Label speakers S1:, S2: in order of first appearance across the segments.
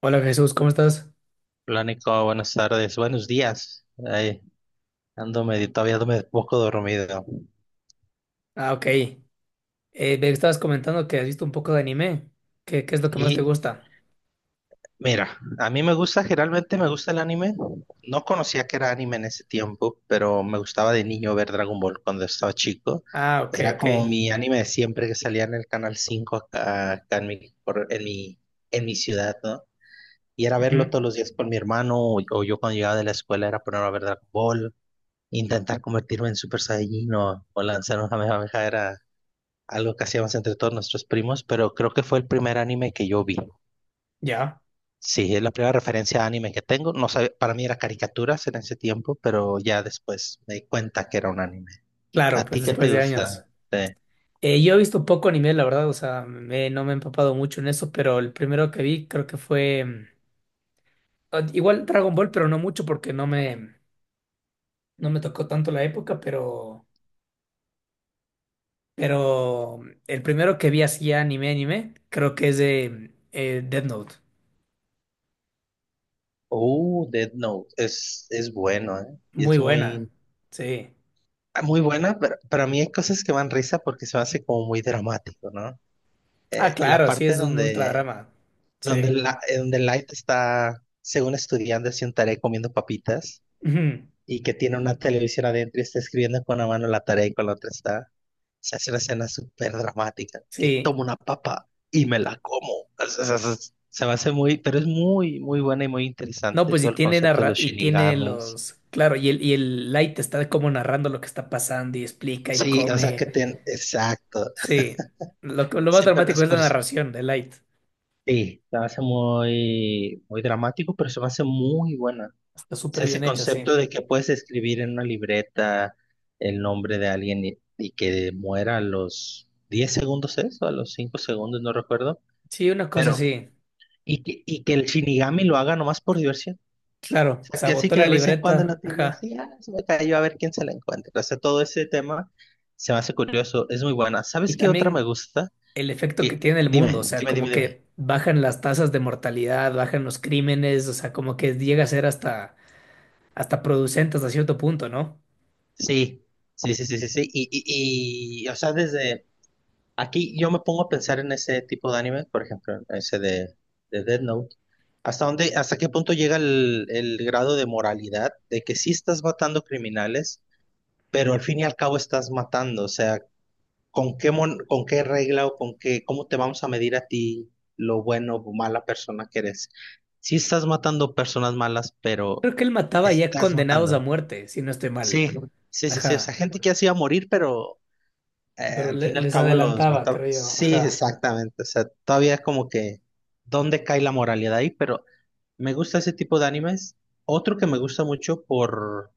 S1: Hola Jesús, ¿cómo estás?
S2: Hola Nico, buenas tardes, buenos días. Ay, todavía ando medio poco dormido.
S1: Ah, ok. Me estabas comentando que has visto un poco de anime. ¿Qué es lo que más te
S2: Y
S1: gusta?
S2: mira, a mí me gusta, generalmente me gusta el anime. No conocía que era anime en ese tiempo, pero me gustaba de niño ver Dragon Ball cuando estaba chico.
S1: Ah, ok,
S2: Era
S1: ok.
S2: como mi anime de siempre que salía en el Canal 5 acá en mi, por- en mi ciudad, ¿no? Y era verlo
S1: Ujú.
S2: todos los días con mi hermano o yo cuando llegaba de la escuela era ponerme a ver Dragon Ball, intentar convertirme en Super Saiyajin o lanzar una Kamehameha era algo que hacíamos entre todos nuestros primos, pero creo que fue el primer anime que yo vi.
S1: Ya,
S2: Sí, es la primera referencia a anime que tengo. No sabía, para mí era caricaturas en ese tiempo, pero ya después me di cuenta que era un anime.
S1: claro,
S2: ¿A
S1: pues
S2: ti qué
S1: después
S2: te
S1: de años.
S2: gusta? Sí.
S1: Yo he visto poco anime, la verdad, o sea, no me he empapado mucho en eso, pero el primero que vi creo que fue ah, igual Dragon Ball, pero no mucho porque no me, no me tocó tanto la época, pero mm, el primero que vi así anime, creo que es de Death Note.
S2: Oh, Death Note. Es bueno, ¿eh? Y
S1: Muy
S2: es
S1: buena,
S2: muy,
S1: sí.
S2: muy buena, pero para mí hay cosas que me dan risa porque se me hace como muy dramático, ¿no?
S1: Ah,
S2: La
S1: claro, sí,
S2: parte
S1: es un
S2: donde,
S1: ultradrama.
S2: donde,
S1: Sí.
S2: la, eh, donde Light está, según estudiando, así un tarea comiendo papitas
S1: Ujú.
S2: y que tiene una televisión adentro y está escribiendo con una mano la tarea y con la otra está. Se hace una escena súper dramática, que
S1: Sí.
S2: tomo una papa y me la como. Se me hace muy, pero es muy, muy buena y muy
S1: No,
S2: interesante
S1: pues y
S2: todo el
S1: tiene
S2: concepto de
S1: narra
S2: los
S1: y tiene
S2: shinigamis.
S1: los. Claro, y el Light está como narrando lo que está pasando y explica y
S2: Sí, o sea
S1: come.
S2: que exacto.
S1: Sí. Lo más
S2: Sí, pero,
S1: dramático
S2: es-
S1: es la
S2: pero sí,
S1: narración de Light.
S2: sí, se me hace muy, muy dramático, pero se me hace muy buena.
S1: Está súper
S2: Sea, ese
S1: bien hecha, sí.
S2: concepto de que puedes escribir en una libreta el nombre de alguien y que muera a los 10 segundos, ¿es? O a los 5 segundos, no recuerdo.
S1: Sí, una cosa
S2: Pero,
S1: sí.
S2: y que el Shinigami lo haga nomás por diversión. O
S1: Claro,
S2: sea, que así
S1: sabotó
S2: que
S1: la
S2: de vez en cuando
S1: libreta.
S2: la tele
S1: Ajá.
S2: así, se me cayó a ver quién se la encuentra. O sea, todo ese tema se me hace curioso, es muy buena. ¿Sabes
S1: Y
S2: qué otra me
S1: también
S2: gusta?
S1: el efecto que
S2: Que,
S1: tiene el mundo. O
S2: dime,
S1: sea,
S2: dime, dime,
S1: como
S2: dime.
S1: que bajan las tasas de mortalidad, bajan los crímenes. O sea, como que llega a ser hasta, hasta producente hasta cierto punto, ¿no?
S2: Sí, sí, sí, sí, sí, sí. Y, o sea, desde aquí yo me pongo a pensar en ese tipo de anime, por ejemplo, en ese de Death Note. ¿Hasta dónde, hasta qué punto llega el grado de moralidad de que sí estás matando criminales, pero al fin y al cabo estás matando? O sea, ¿con qué regla o cómo te vamos a medir a ti lo bueno o mala persona que eres? Sí estás matando personas malas, pero
S1: Creo que él mataba ya
S2: estás
S1: condenados a
S2: matando.
S1: muerte, si no estoy mal.
S2: Sí, sí, sí, sí. O sea,
S1: Ajá.
S2: gente que así iba a morir, pero
S1: Pero
S2: al fin y al
S1: les
S2: cabo los
S1: adelantaba,
S2: mataron.
S1: creo yo.
S2: Sí,
S1: Ajá.
S2: exactamente. O sea, todavía es como que dónde cae la moralidad ahí, pero me gusta ese tipo de animes. Otro que me gusta mucho por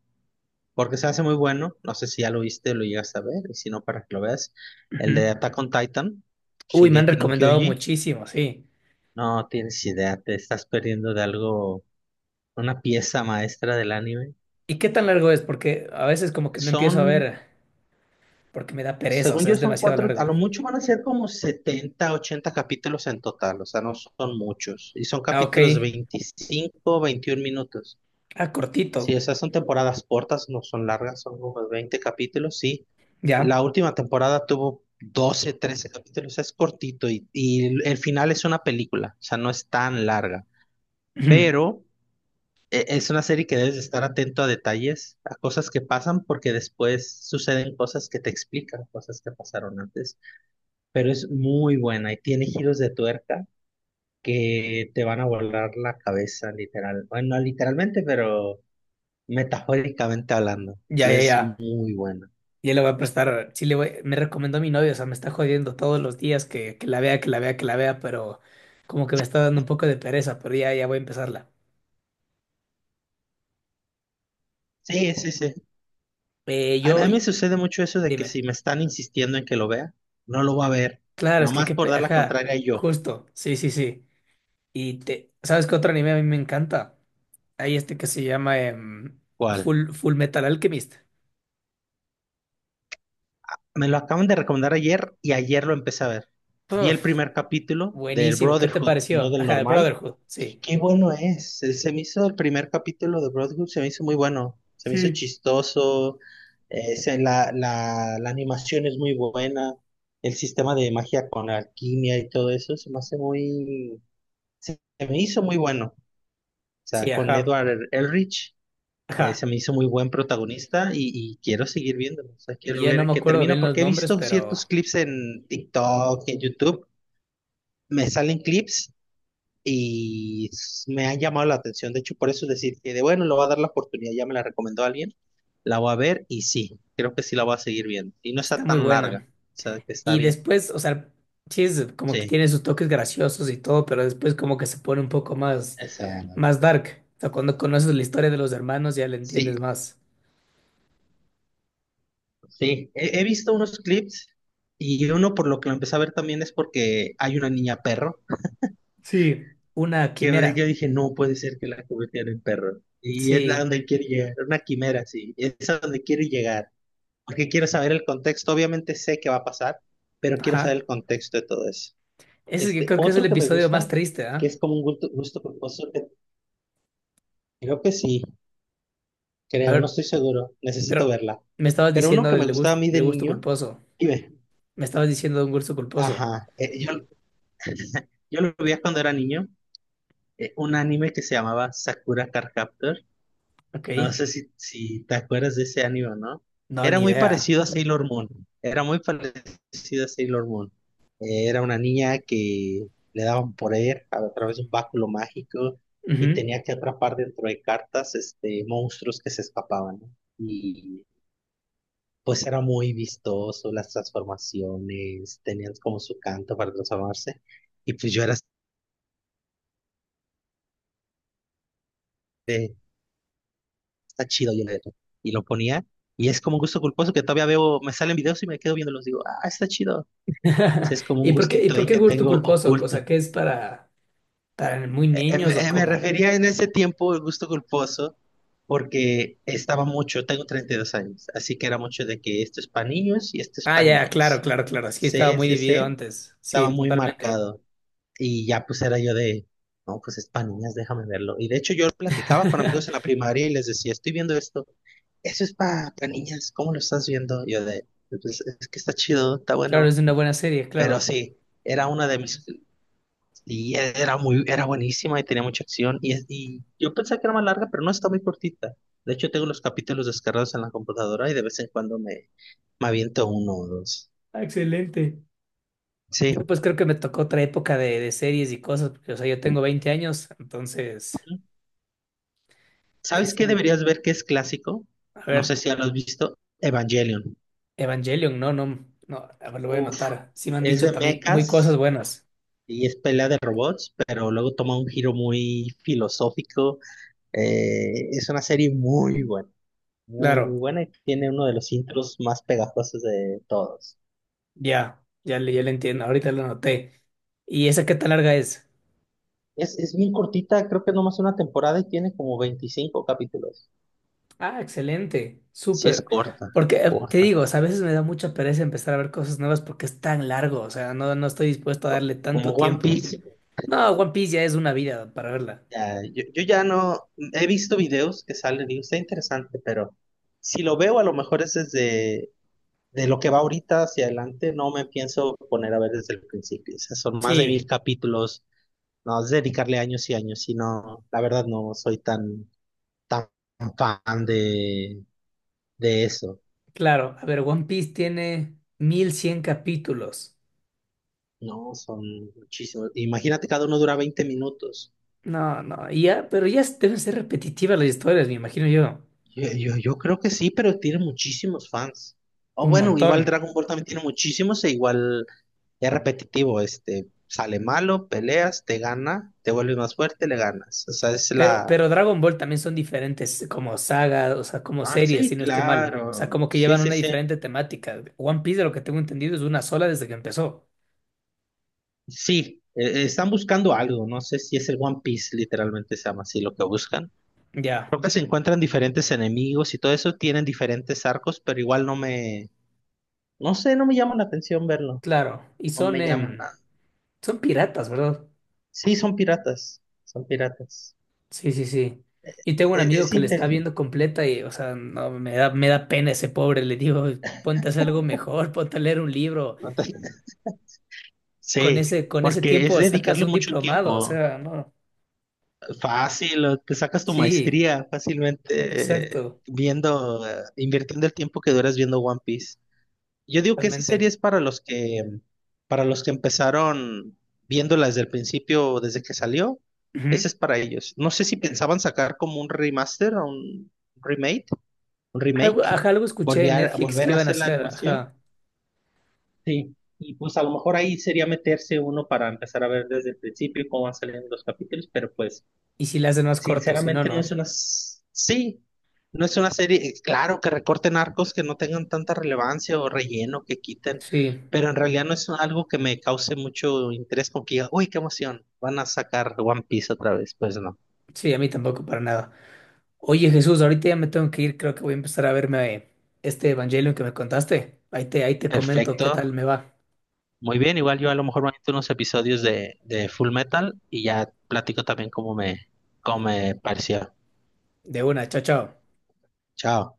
S2: porque se hace muy bueno, no sé si ya lo viste, o lo llegas a ver, y si no, para que lo veas, el de
S1: Ujú.
S2: Attack on Titan,
S1: Uy, me han
S2: Shingeki no
S1: recomendado
S2: Kyoji.
S1: muchísimo, sí.
S2: No tienes idea, te estás perdiendo de algo, una pieza maestra del anime.
S1: ¿Y qué tan largo es? Porque a veces como que no empiezo a
S2: Son
S1: ver, porque me da pereza, o
S2: Según
S1: sea,
S2: yo
S1: es
S2: son
S1: demasiado
S2: cuatro,
S1: largo.
S2: a lo mucho van a ser como 70, 80 capítulos en total, o sea, no son muchos. Y son
S1: Ah, ok.
S2: capítulos de 25, 21 minutos.
S1: Ah, cortito.
S2: Sí, o sea, son temporadas cortas, no son largas, son como 20 capítulos, sí. La
S1: Ya.
S2: última temporada tuvo 12, 13 capítulos, o sea, es cortito y el final es una película, o sea, no es tan larga.
S1: Ujú.
S2: Pero es una serie que debes de estar atento a detalles, a cosas que pasan, porque después suceden cosas que te explican cosas que pasaron antes, pero es muy buena y tiene giros de tuerca que te van a volar la cabeza, literal. Bueno, no literalmente, pero metafóricamente hablando.
S1: Ya, ya,
S2: Entonces, es
S1: ya.
S2: muy buena.
S1: Ya le voy a prestar. Sí, le voy. Me recomendó mi novio, o sea, me está jodiendo todos los días que la vea, que la vea, que la vea, pero como que me está dando un poco de pereza, pero ya, ya voy a empezarla.
S2: Sí, sí, sí.
S1: Eh,
S2: A
S1: yo,
S2: mí me sucede mucho eso de que
S1: dime.
S2: si me están insistiendo en que lo vea, no lo voy a ver.
S1: Claro, es que,
S2: Nomás por dar la
S1: ajá,
S2: contraria yo.
S1: justo, sí, sí, sí. Y te, ¿sabes qué otro anime a mí me encanta? Hay este que se llama
S2: ¿Cuál?
S1: Full Metal Alchemist.
S2: Me lo acaban de recomendar ayer y ayer lo empecé a ver. Vi el
S1: Uf,
S2: primer capítulo del
S1: buenísimo, ¿qué te
S2: Brotherhood, no
S1: pareció?
S2: del
S1: Ajá, el
S2: normal,
S1: Brotherhood,
S2: y
S1: sí.
S2: qué bueno es. Se me hizo el primer capítulo de Brotherhood, se me hizo muy bueno, se me hizo
S1: Sí,
S2: chistoso, la animación es muy buena, el sistema de magia con alquimia y todo eso se me hizo muy bueno. O
S1: sí,
S2: sea, con
S1: ajá,
S2: Edward Elrich se
S1: ajá.
S2: me hizo muy buen protagonista y quiero seguir viéndolo. O sea, quiero
S1: Ya no
S2: ver
S1: me
S2: qué
S1: acuerdo
S2: termina,
S1: bien los
S2: porque he
S1: nombres,
S2: visto
S1: pero
S2: ciertos clips en TikTok, en YouTube, me salen clips y me han llamado la atención. De hecho, por eso es decir que de bueno, lo va a dar la oportunidad, ya me la recomendó alguien, la voy a ver y sí, creo que sí la voy a seguir viendo. Y no está
S1: está muy
S2: tan larga,
S1: buena.
S2: o sea, que está
S1: Y
S2: bien.
S1: después, o sea, sí, es como que
S2: Sí,
S1: tiene sus toques graciosos y todo, pero después como que se pone un poco más,
S2: exacto,
S1: más dark. O sea, cuando conoces la historia de los hermanos ya la
S2: sí,
S1: entiendes más.
S2: sí. He visto unos clips y uno por lo que lo empecé a ver también es porque hay una niña perro,
S1: Sí, una
S2: que yo
S1: quimera.
S2: dije, no puede ser que la convirtiera en perro. Y es a
S1: Sí,
S2: donde quiere llegar, una quimera, sí, es a donde quiero llegar. Porque quiero saber el contexto, obviamente sé qué va a pasar, pero quiero saber
S1: ajá.
S2: el contexto de todo eso.
S1: Ese yo
S2: Este,
S1: creo que es el
S2: otro que me
S1: episodio más
S2: gusta,
S1: triste,
S2: que
S1: ¿ah?
S2: es como un gusto culposo, que creo que sí,
S1: A
S2: creo, no
S1: ver,
S2: estoy seguro, necesito
S1: pero
S2: verla.
S1: me estabas
S2: Pero uno
S1: diciendo
S2: que me gustaba a mí de
S1: del gusto
S2: niño,
S1: culposo.
S2: y ve,
S1: Me estabas diciendo de un gusto culposo.
S2: ajá, yo lo veía cuando era niño, un anime que se llamaba Sakura Card Captor.
S1: Ok.
S2: No sé si te acuerdas de ese anime, o ¿no?
S1: No,
S2: Era
S1: ni
S2: muy
S1: idea.
S2: parecido a Sailor Moon. Era muy parecido a Sailor Moon. Era una niña que le daban poder a través de un báculo mágico y
S1: Ujú.
S2: tenía que atrapar dentro de cartas, monstruos que se escapaban, ¿no? Y pues era muy vistoso, las transformaciones, tenían como su canto para transformarse. Y pues yo era este está chido, yo le y lo ponía, y es como un gusto culposo que todavía veo, me salen videos y me quedo viéndolos, digo, ah, está chido. Ese es como un
S1: ¿Y por qué, y
S2: gustito
S1: por
S2: ahí
S1: qué
S2: que
S1: gusto
S2: tengo
S1: culposo? O
S2: oculto.
S1: sea, ¿qué es para muy niños o
S2: Me
S1: cómo?
S2: refería en ese tiempo el gusto culposo porque estaba mucho, tengo 32 años, así que era mucho de que esto es para niños y esto es
S1: Ah,
S2: para
S1: ya, claro,
S2: niñas.
S1: claro, claro. Sí, estaba
S2: C N
S1: muy
S2: C
S1: dividido
S2: C
S1: antes.
S2: estaba
S1: Sí,
S2: muy
S1: totalmente.
S2: marcado, y ya pues era yo de, no, pues es para niñas, déjame verlo. Y de hecho yo platicaba con amigos en la primaria y les decía, estoy viendo esto. Eso es para niñas, ¿cómo lo estás viendo? Yo de, pues, es que está chido, está
S1: Claro,
S2: bueno,
S1: es una buena serie,
S2: pero
S1: claro.
S2: sí, era una de mis, y era muy, era buenísima y tenía mucha acción, y yo pensé que era más larga, pero no, está muy cortita. De hecho, tengo los capítulos descargados en la computadora y de vez en cuando me aviento uno o dos.
S1: Ah, excelente.
S2: Sí.
S1: Yo pues creo que me tocó otra época de series y cosas, porque o sea, yo tengo 20 años, entonces,
S2: ¿Sabes qué
S1: sí,
S2: deberías ver que es clásico?
S1: a
S2: No sé
S1: ver,
S2: si ya lo has visto, Evangelion.
S1: Evangelion, no, no, no, a ver, lo voy a
S2: Uf,
S1: anotar. Sí me han
S2: es
S1: dicho
S2: de
S1: también muy cosas
S2: mechas
S1: buenas.
S2: y es pelea de robots, pero luego toma un giro muy filosófico. Es una serie muy buena, muy, muy
S1: Claro,
S2: buena y tiene uno de los intros más pegajosos de todos.
S1: ya, ya le entiendo, ahorita lo anoté. ¿Y esa qué tan larga es?
S2: Es bien cortita, creo que nomás una temporada y tiene como 25 capítulos.
S1: Ah, excelente,
S2: Sí, es
S1: súper.
S2: corta,
S1: Porque te
S2: corta.
S1: digo, o sea, a veces me da mucha pereza empezar a ver cosas nuevas porque es tan largo, o sea, no, no estoy dispuesto a darle
S2: Como
S1: tanto
S2: One
S1: tiempo.
S2: Piece.
S1: No, One Piece ya es una vida para verla.
S2: Ya, yo ya no he visto videos que salen, digo, está interesante, pero si lo veo, a lo mejor es desde de lo que va ahorita hacia adelante, no me pienso poner a ver desde el principio. O sea, son más de mil
S1: Sí.
S2: capítulos. No, es dedicarle años y años, si no, la verdad no soy tan, tan fan de eso.
S1: Claro, a ver, One Piece tiene 1.100 capítulos.
S2: No, son muchísimos. Imagínate, cada uno dura 20 minutos.
S1: No, y ya, pero ya s- deben ser repetitivas las historias, me imagino yo.
S2: Yo creo que sí, pero tiene muchísimos fans. O
S1: Un
S2: bueno,
S1: montón.
S2: igual Dragon Ball también tiene muchísimos e igual es repetitivo, sale malo, peleas, te gana, te vuelves más fuerte, le ganas. O sea, es la.
S1: Pero Dragon Ball también son diferentes como saga, o sea, como
S2: Ah,
S1: series, si
S2: sí,
S1: no estoy mal. O sea,
S2: claro.
S1: como que
S2: Sí,
S1: llevan
S2: sí,
S1: una
S2: sí.
S1: diferente temática. One Piece, de lo que tengo entendido, es una sola desde que empezó.
S2: Sí, están buscando algo, no sé si es el One Piece, literalmente se llama así lo que buscan.
S1: Ya,
S2: Creo que se encuentran diferentes enemigos y todo eso, tienen diferentes arcos, pero igual no me, no sé, no me llama la atención verlo,
S1: claro. Y
S2: no
S1: son,
S2: me llama nada.
S1: em, son piratas, ¿verdad?
S2: Sí, son piratas, son piratas.
S1: Sí, sí, sí. Y tengo un
S2: Es,
S1: amigo
S2: es
S1: que le está
S2: interesante.
S1: viendo completa y, o sea, no, me da pena ese pobre. Le digo, ponte a hacer algo mejor, ponte a leer un libro.
S2: Sí,
S1: Con ese
S2: porque es
S1: tiempo sacas
S2: dedicarle
S1: un
S2: mucho
S1: diplomado, o
S2: tiempo,
S1: sea, no.
S2: fácil, o te sacas tu
S1: Sí,
S2: maestría fácilmente,
S1: exacto,
S2: viendo, invirtiendo el tiempo que duras viendo One Piece. Yo digo que esa serie
S1: totalmente.
S2: es para los que empezaron viéndola desde el principio, desde que salió. Esa
S1: Ujú.
S2: es para ellos. No sé si pensaban sacar como un remaster o un remake, un
S1: Algo,
S2: remake,
S1: ajá, algo escuché en
S2: volver,
S1: Netflix que
S2: volver a
S1: iban a
S2: hacer la
S1: hacer,
S2: animación.
S1: ajá.
S2: Sí. Y pues a lo mejor ahí sería meterse uno para empezar a ver desde el principio cómo van saliendo los capítulos. Pero pues
S1: Y si le hacen más corto, si no,
S2: sinceramente, no es
S1: no.
S2: una... s- sí, no es una serie, claro, que recorten arcos que no tengan tanta relevancia o relleno que quiten,
S1: Sí,
S2: pero en realidad no es algo que me cause mucho interés, como que diga, uy, qué emoción, van a sacar One Piece otra vez, pues no. Ok.
S1: sí, a mí tampoco para nada. Oye, Jesús, ahorita ya me tengo que ir, creo que voy a empezar a verme este Evangelio que me contaste. Ahí te comento
S2: Perfecto,
S1: qué tal me va.
S2: muy bien, igual yo a lo mejor me meto unos episodios de Full Metal y ya platico también cómo me pareció.
S1: De una, chao, chao.
S2: Chao.